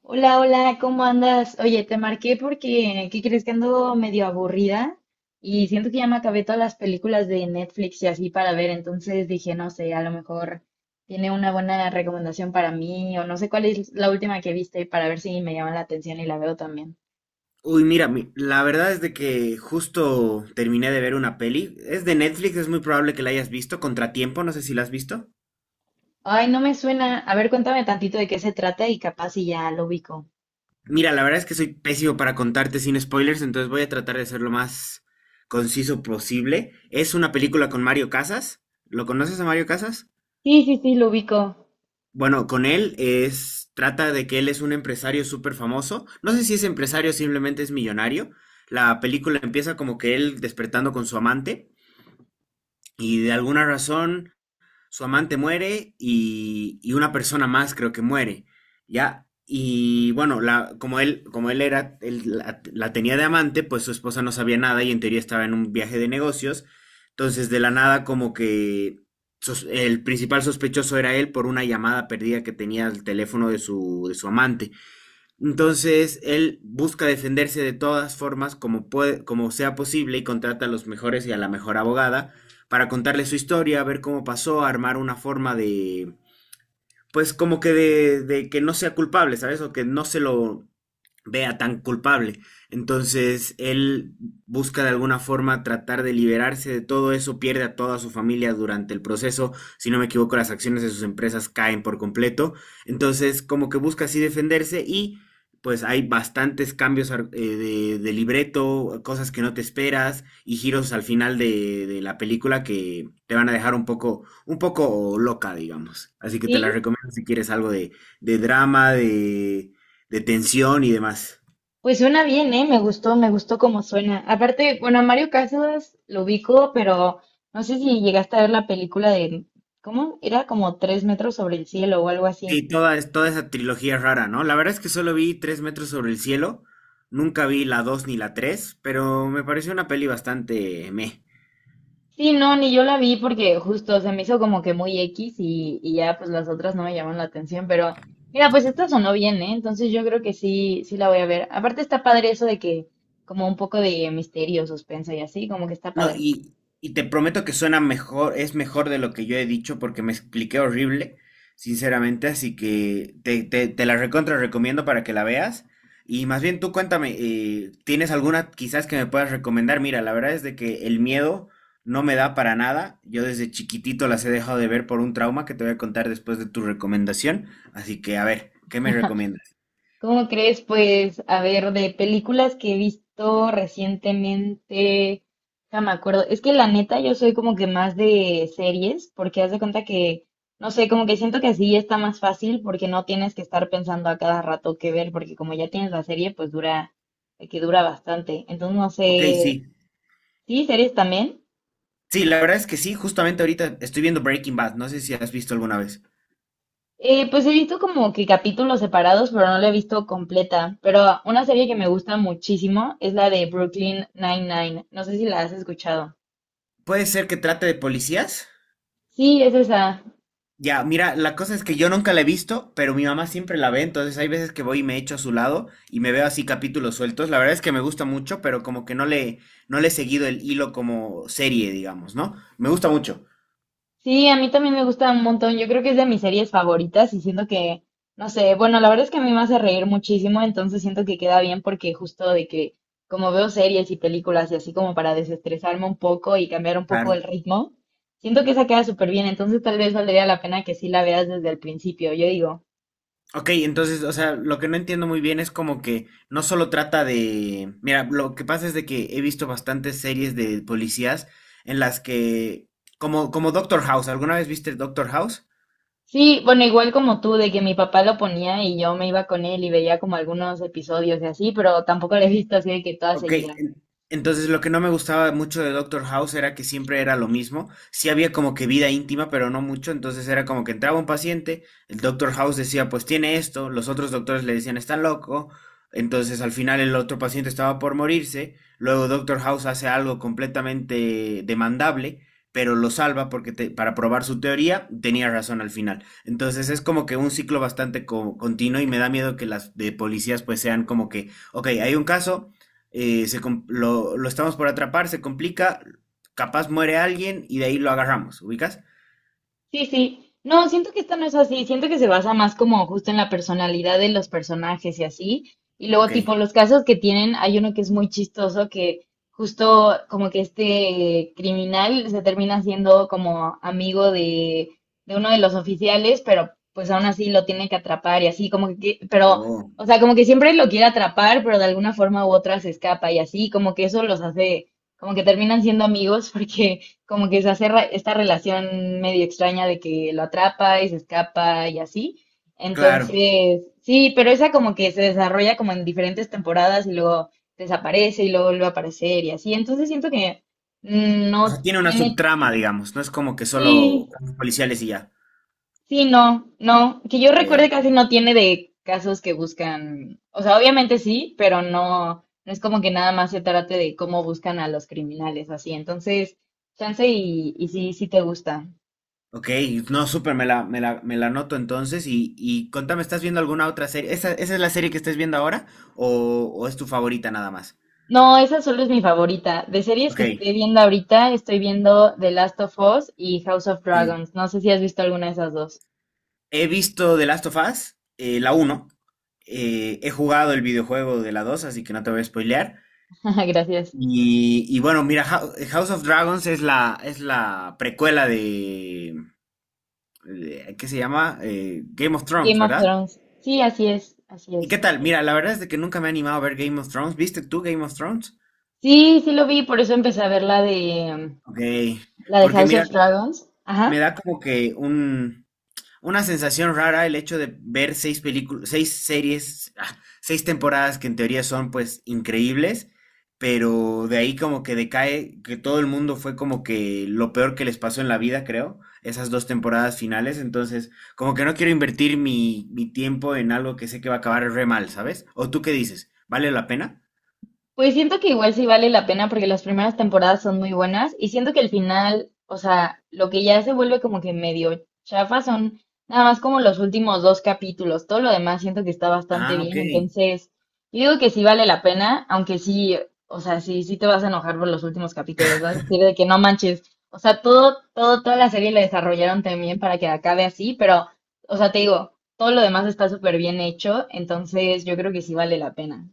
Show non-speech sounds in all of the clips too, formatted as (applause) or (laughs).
Hola, hola, ¿cómo andas? Oye, te marqué porque, ¿qué crees? Que ando medio aburrida. Y siento que ya me acabé todas las películas de Netflix y así para ver, entonces dije, no sé, a lo mejor tiene una buena recomendación para mí o no sé cuál es la última que viste para ver si me llama la atención y la veo también. Uy, mira, la verdad es de que justo terminé de ver una peli. Es de Netflix, es muy probable que la hayas visto. Contratiempo, no sé si la has visto. Ay, no me suena. A ver, cuéntame tantito de qué se trata y capaz si ya lo ubico. Mira, la verdad es que soy pésimo para contarte sin spoilers, entonces voy a tratar de ser lo más conciso posible. Es una película con Mario Casas. ¿Lo conoces a Mario Casas? Sí, sí, sí, lo ubico. Bueno, con él es, trata de que él es un empresario súper famoso. No sé si es empresario o simplemente es millonario. La película empieza como que él despertando con su amante y de alguna razón su amante muere y una persona más creo que muere, ¿ya? Y bueno, la, como él era, él la, la tenía de amante, pues su esposa no sabía nada y en teoría estaba en un viaje de negocios. Entonces, de la nada, como que el principal sospechoso era él por una llamada perdida que tenía al teléfono de de su amante. Entonces, él busca defenderse de todas formas como puede, como sea posible y contrata a los mejores y a la mejor abogada para contarle su historia, ver cómo pasó, armar una forma de, pues como que de que no sea culpable, ¿sabes? O que no se lo vea tan culpable. Entonces, él busca de alguna forma tratar de liberarse de todo eso, pierde a toda su familia durante el proceso, si no me equivoco, las acciones de sus empresas caen por completo. Entonces, como que busca así defenderse y pues hay bastantes cambios de libreto, cosas que no te esperas y giros al final de la película que te van a dejar un poco loca, digamos. Así que te la ¿Sí? recomiendo si quieres algo de drama, de tensión y demás. Pues suena bien, ¿eh? Me gustó cómo suena. Aparte, bueno, a Mario Casas lo ubico, pero no sé si llegaste a ver la película de, ¿cómo? Era como tres metros sobre el cielo o algo así. Sí, toda, toda esa trilogía rara, ¿no? La verdad es que solo vi Tres metros sobre el cielo. Nunca vi la 2 ni la tres, pero me pareció una peli bastante meh. Sí, no, ni yo la vi porque justo se me hizo como que muy X y ya pues las otras no me llaman la atención, pero mira, pues esta sonó bien, ¿eh? Entonces yo creo que sí, sí la voy a ver. Aparte está padre eso de que como un poco de misterio, suspenso y así, como que está No, padre. Y te prometo que suena mejor, es mejor de lo que yo he dicho porque me expliqué horrible, sinceramente, así que te la recontra recomiendo para que la veas. Y más bien tú cuéntame, ¿tienes alguna quizás que me puedas recomendar? Mira, la verdad es de que el miedo no me da para nada. Yo desde chiquitito las he dejado de ver por un trauma que te voy a contar después de tu recomendación. Así que a ver, ¿qué me recomiendas? ¿Cómo crees? Pues, a ver, de películas que he visto recientemente, ya me acuerdo. Es que la neta, yo soy como que más de series, porque haz de cuenta que, no sé, como que siento que así está más fácil, porque no tienes que estar pensando a cada rato qué ver, porque como ya tienes la serie, pues dura, que dura bastante. Entonces, no Ok, sé, sí. sí, series también. Sí, la verdad es que sí, justamente ahorita estoy viendo Breaking Bad. No sé si has visto alguna vez. Pues he visto como que capítulos separados, pero no la he visto completa. Pero una serie que me gusta muchísimo es la de Brooklyn Nine-Nine. No sé si la has escuchado. Puede ser que trate de policías. Sí, es esa. Ya, mira, la cosa es que yo nunca la he visto, pero mi mamá siempre la ve, entonces hay veces que voy y me echo a su lado y me veo así capítulos sueltos. La verdad es que me gusta mucho, pero como que no le he seguido el hilo como serie, digamos, ¿no? Me gusta mucho. Sí, a mí también me gusta un montón. Yo creo que es de mis series favoritas y siento que, no sé, bueno, la verdad es que a mí me hace reír muchísimo, entonces siento que queda bien porque justo de que como veo series y películas y así como para desestresarme un poco y cambiar un poco el Claro. ritmo, siento que esa queda súper bien, entonces tal vez valdría la pena que sí la veas desde el principio, yo digo. Ok, entonces, o sea, lo que no entiendo muy bien es como que no solo trata de... Mira, lo que pasa es de que he visto bastantes series de policías en las que... Como, como Doctor House, ¿alguna vez viste Doctor House? Sí, bueno, igual como tú, de que mi papá lo ponía y yo me iba con él y veía como algunos episodios y así, pero tampoco lo he visto así de que toda Ok, seguida. Entonces lo que no me gustaba mucho de Doctor House era que siempre era lo mismo. Sí había como que vida íntima, pero no mucho. Entonces era como que entraba un paciente, el Doctor House decía, pues tiene esto, los otros doctores le decían, está loco. Entonces al final el otro paciente estaba por morirse. Luego Doctor House hace algo completamente demandable, pero lo salva porque para probar su teoría tenía razón al final. Entonces es como que un ciclo bastante continuo y me da miedo que las de policías pues sean como que... Ok, hay un caso, se lo estamos por atrapar, se complica, capaz muere alguien y de ahí lo agarramos, ¿ubicas? Sí, sí. No, siento que esta no es así. Siento que se basa más como justo en la personalidad de los personajes y así. Y luego, Ok. tipo, los casos que tienen, hay uno que es muy chistoso, que justo como que este criminal se termina siendo como amigo de uno de los oficiales, pero pues aún así lo tiene que atrapar y así, como que, pero, Oh, o sea, como que siempre lo quiere atrapar, pero de alguna forma u otra se escapa y así, como que eso los hace, como que terminan siendo amigos (laughs) porque como que se hace esta relación medio extraña de que lo atrapa y se escapa y así. claro. Entonces, sí, pero esa como que se desarrolla como en diferentes temporadas y luego desaparece y luego vuelve a aparecer y así. Entonces siento que O sea, no tiene una tiene, subtrama, digamos, no es como que solo sí, policiales y ya. sí, no, no, que yo Eh, recuerde casi no tiene de casos que buscan, o sea, obviamente sí, pero no, no es como que nada más se trate de cómo buscan a los criminales así. Entonces, chance y sí, sí te gusta. ok, no, súper, me la noto entonces y contame, ¿estás viendo alguna otra serie? Esa es la serie que estés viendo ahora o es tu favorita nada más? No, esa solo es mi favorita. De series Ok, que estoy viendo ahorita, estoy viendo The Last of Us y House of ok. Dragons. No sé si has visto alguna de esas dos. He visto The Last of Us, la uno, he jugado el videojuego de la dos, así que no te voy a spoilear. (laughs) Gracias. Y bueno, mira, House of Dragons es es la precuela de- ¿qué se llama? Game of Thrones, Game of ¿verdad? Thrones. Sí, así es, así ¿Y qué es. tal? Mira, la verdad es de que nunca me he animado a ver Game of Thrones. ¿Viste tú Game of Thrones? Sí, sí lo vi, por eso empecé a ver la de Ok, la de porque House mira, of Dragons. me Ajá. da como que un, una sensación rara el hecho de ver seis películas, seis series, ah, seis temporadas que en teoría son pues increíbles, pero de ahí como que decae, que todo el mundo fue como que lo peor que les pasó en la vida, creo, esas dos temporadas finales, entonces como que no quiero invertir mi tiempo en algo que sé que va a acabar re mal, ¿sabes? ¿O tú qué dices? ¿Vale la pena? Pues siento que igual sí vale la pena porque las primeras temporadas son muy buenas y siento que el final, o sea, lo que ya se vuelve como que medio chafa son nada más como los últimos dos capítulos. Todo lo demás siento que está bastante Ah, ok. bien. Entonces, yo digo que sí vale la pena, aunque sí, o sea, sí, sí te vas a enojar por los últimos capítulos. Vas a decir de que no manches. O sea, todo, todo, toda la serie la desarrollaron también para que acabe así, pero, o sea, te digo, todo lo demás está súper bien hecho. Entonces, yo creo que sí vale la pena.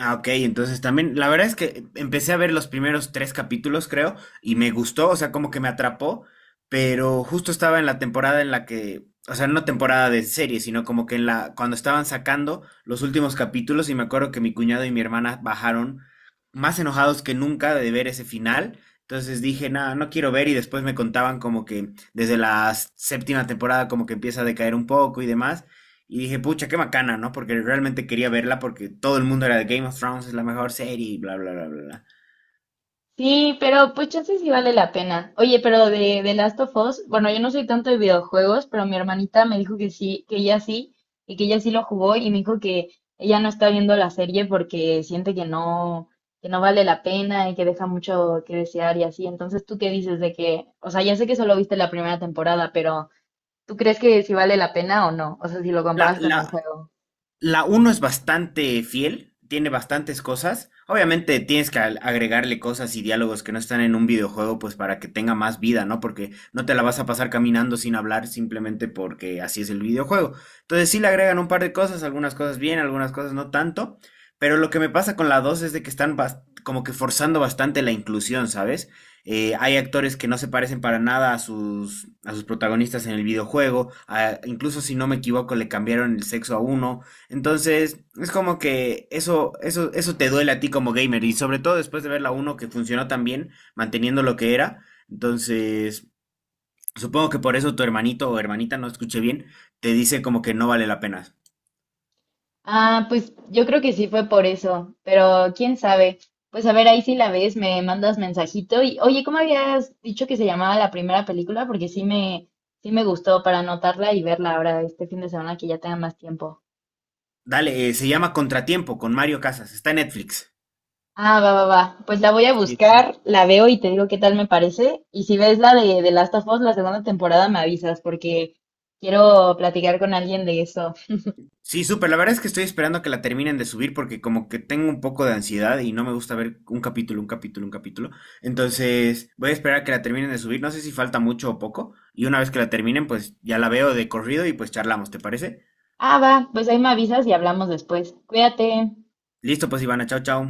Ah, ok, entonces también, la verdad es que empecé a ver los primeros tres capítulos, creo, y me gustó, o sea, como que me atrapó, pero justo estaba en la temporada en la que, o sea, no temporada de serie, sino como que en la, cuando estaban sacando los últimos capítulos, y me acuerdo que mi cuñado y mi hermana bajaron más enojados que nunca de ver ese final. Entonces dije, nada, no quiero ver, y después me contaban como que desde la séptima temporada como que empieza a decaer un poco y demás. Y dije, pucha, qué bacana, ¿no? Porque realmente quería verla porque todo el mundo era de Game of Thrones, es la mejor serie y bla, bla, bla, bla, bla. Sí, pero pues chance sí vale la pena. Oye, pero de Last of Us, bueno, yo no soy tanto de videojuegos, pero mi hermanita me dijo que sí, que ella sí, y que ella sí lo jugó, y me dijo que ella no está viendo la serie porque siente que no vale la pena y que deja mucho que desear y así. Entonces, ¿tú qué dices de que, o sea, ya sé que solo viste la primera temporada, pero ¿tú crees que sí vale la pena o no? O sea, si lo La, comparas con el la, juego. La uno es bastante fiel, tiene bastantes cosas. Obviamente tienes que agregarle cosas y diálogos que no están en un videojuego, pues para que tenga más vida, ¿no? Porque no te la vas a pasar caminando sin hablar simplemente porque así es el videojuego. Entonces sí le agregan un par de cosas, algunas cosas bien, algunas cosas no tanto. Pero lo que me pasa con la 2 es de que están como que forzando bastante la inclusión, ¿sabes? Hay actores que no se parecen para nada a a sus protagonistas en el videojuego. Ah, incluso si no me equivoco, le cambiaron el sexo a uno. Entonces, es como que eso te duele a ti como gamer. Y sobre todo después de ver la uno que funcionó tan bien, manteniendo lo que era. Entonces, supongo que por eso tu hermanito o hermanita, no escuché bien, te dice como que no vale la pena. Ah, pues yo creo que sí fue por eso, pero quién sabe. Pues a ver, ahí si la ves, me mandas mensajito y, oye, ¿cómo habías dicho que se llamaba la primera película? Porque sí me gustó para anotarla y verla ahora este fin de semana que ya tenga más tiempo. Dale, se llama Contratiempo con Mario Casas. Está en Netflix. Ah, va, va, va. Pues la voy a Sí. buscar, la veo y te digo qué tal me parece. Y si ves la de The Last of Us, la segunda temporada, me avisas porque quiero platicar con alguien de eso. Sí, súper. La verdad es que estoy esperando que la terminen de subir porque como que tengo un poco de ansiedad y no me gusta ver un capítulo, un capítulo, un capítulo. Entonces voy a esperar a que la terminen de subir. No sé si falta mucho o poco. Y una vez que la terminen, pues ya la veo de corrido y pues charlamos, ¿te parece? Ah, va, pues ahí me avisas y hablamos después. Cuídate. Listo, pues Ivana, chao, chao.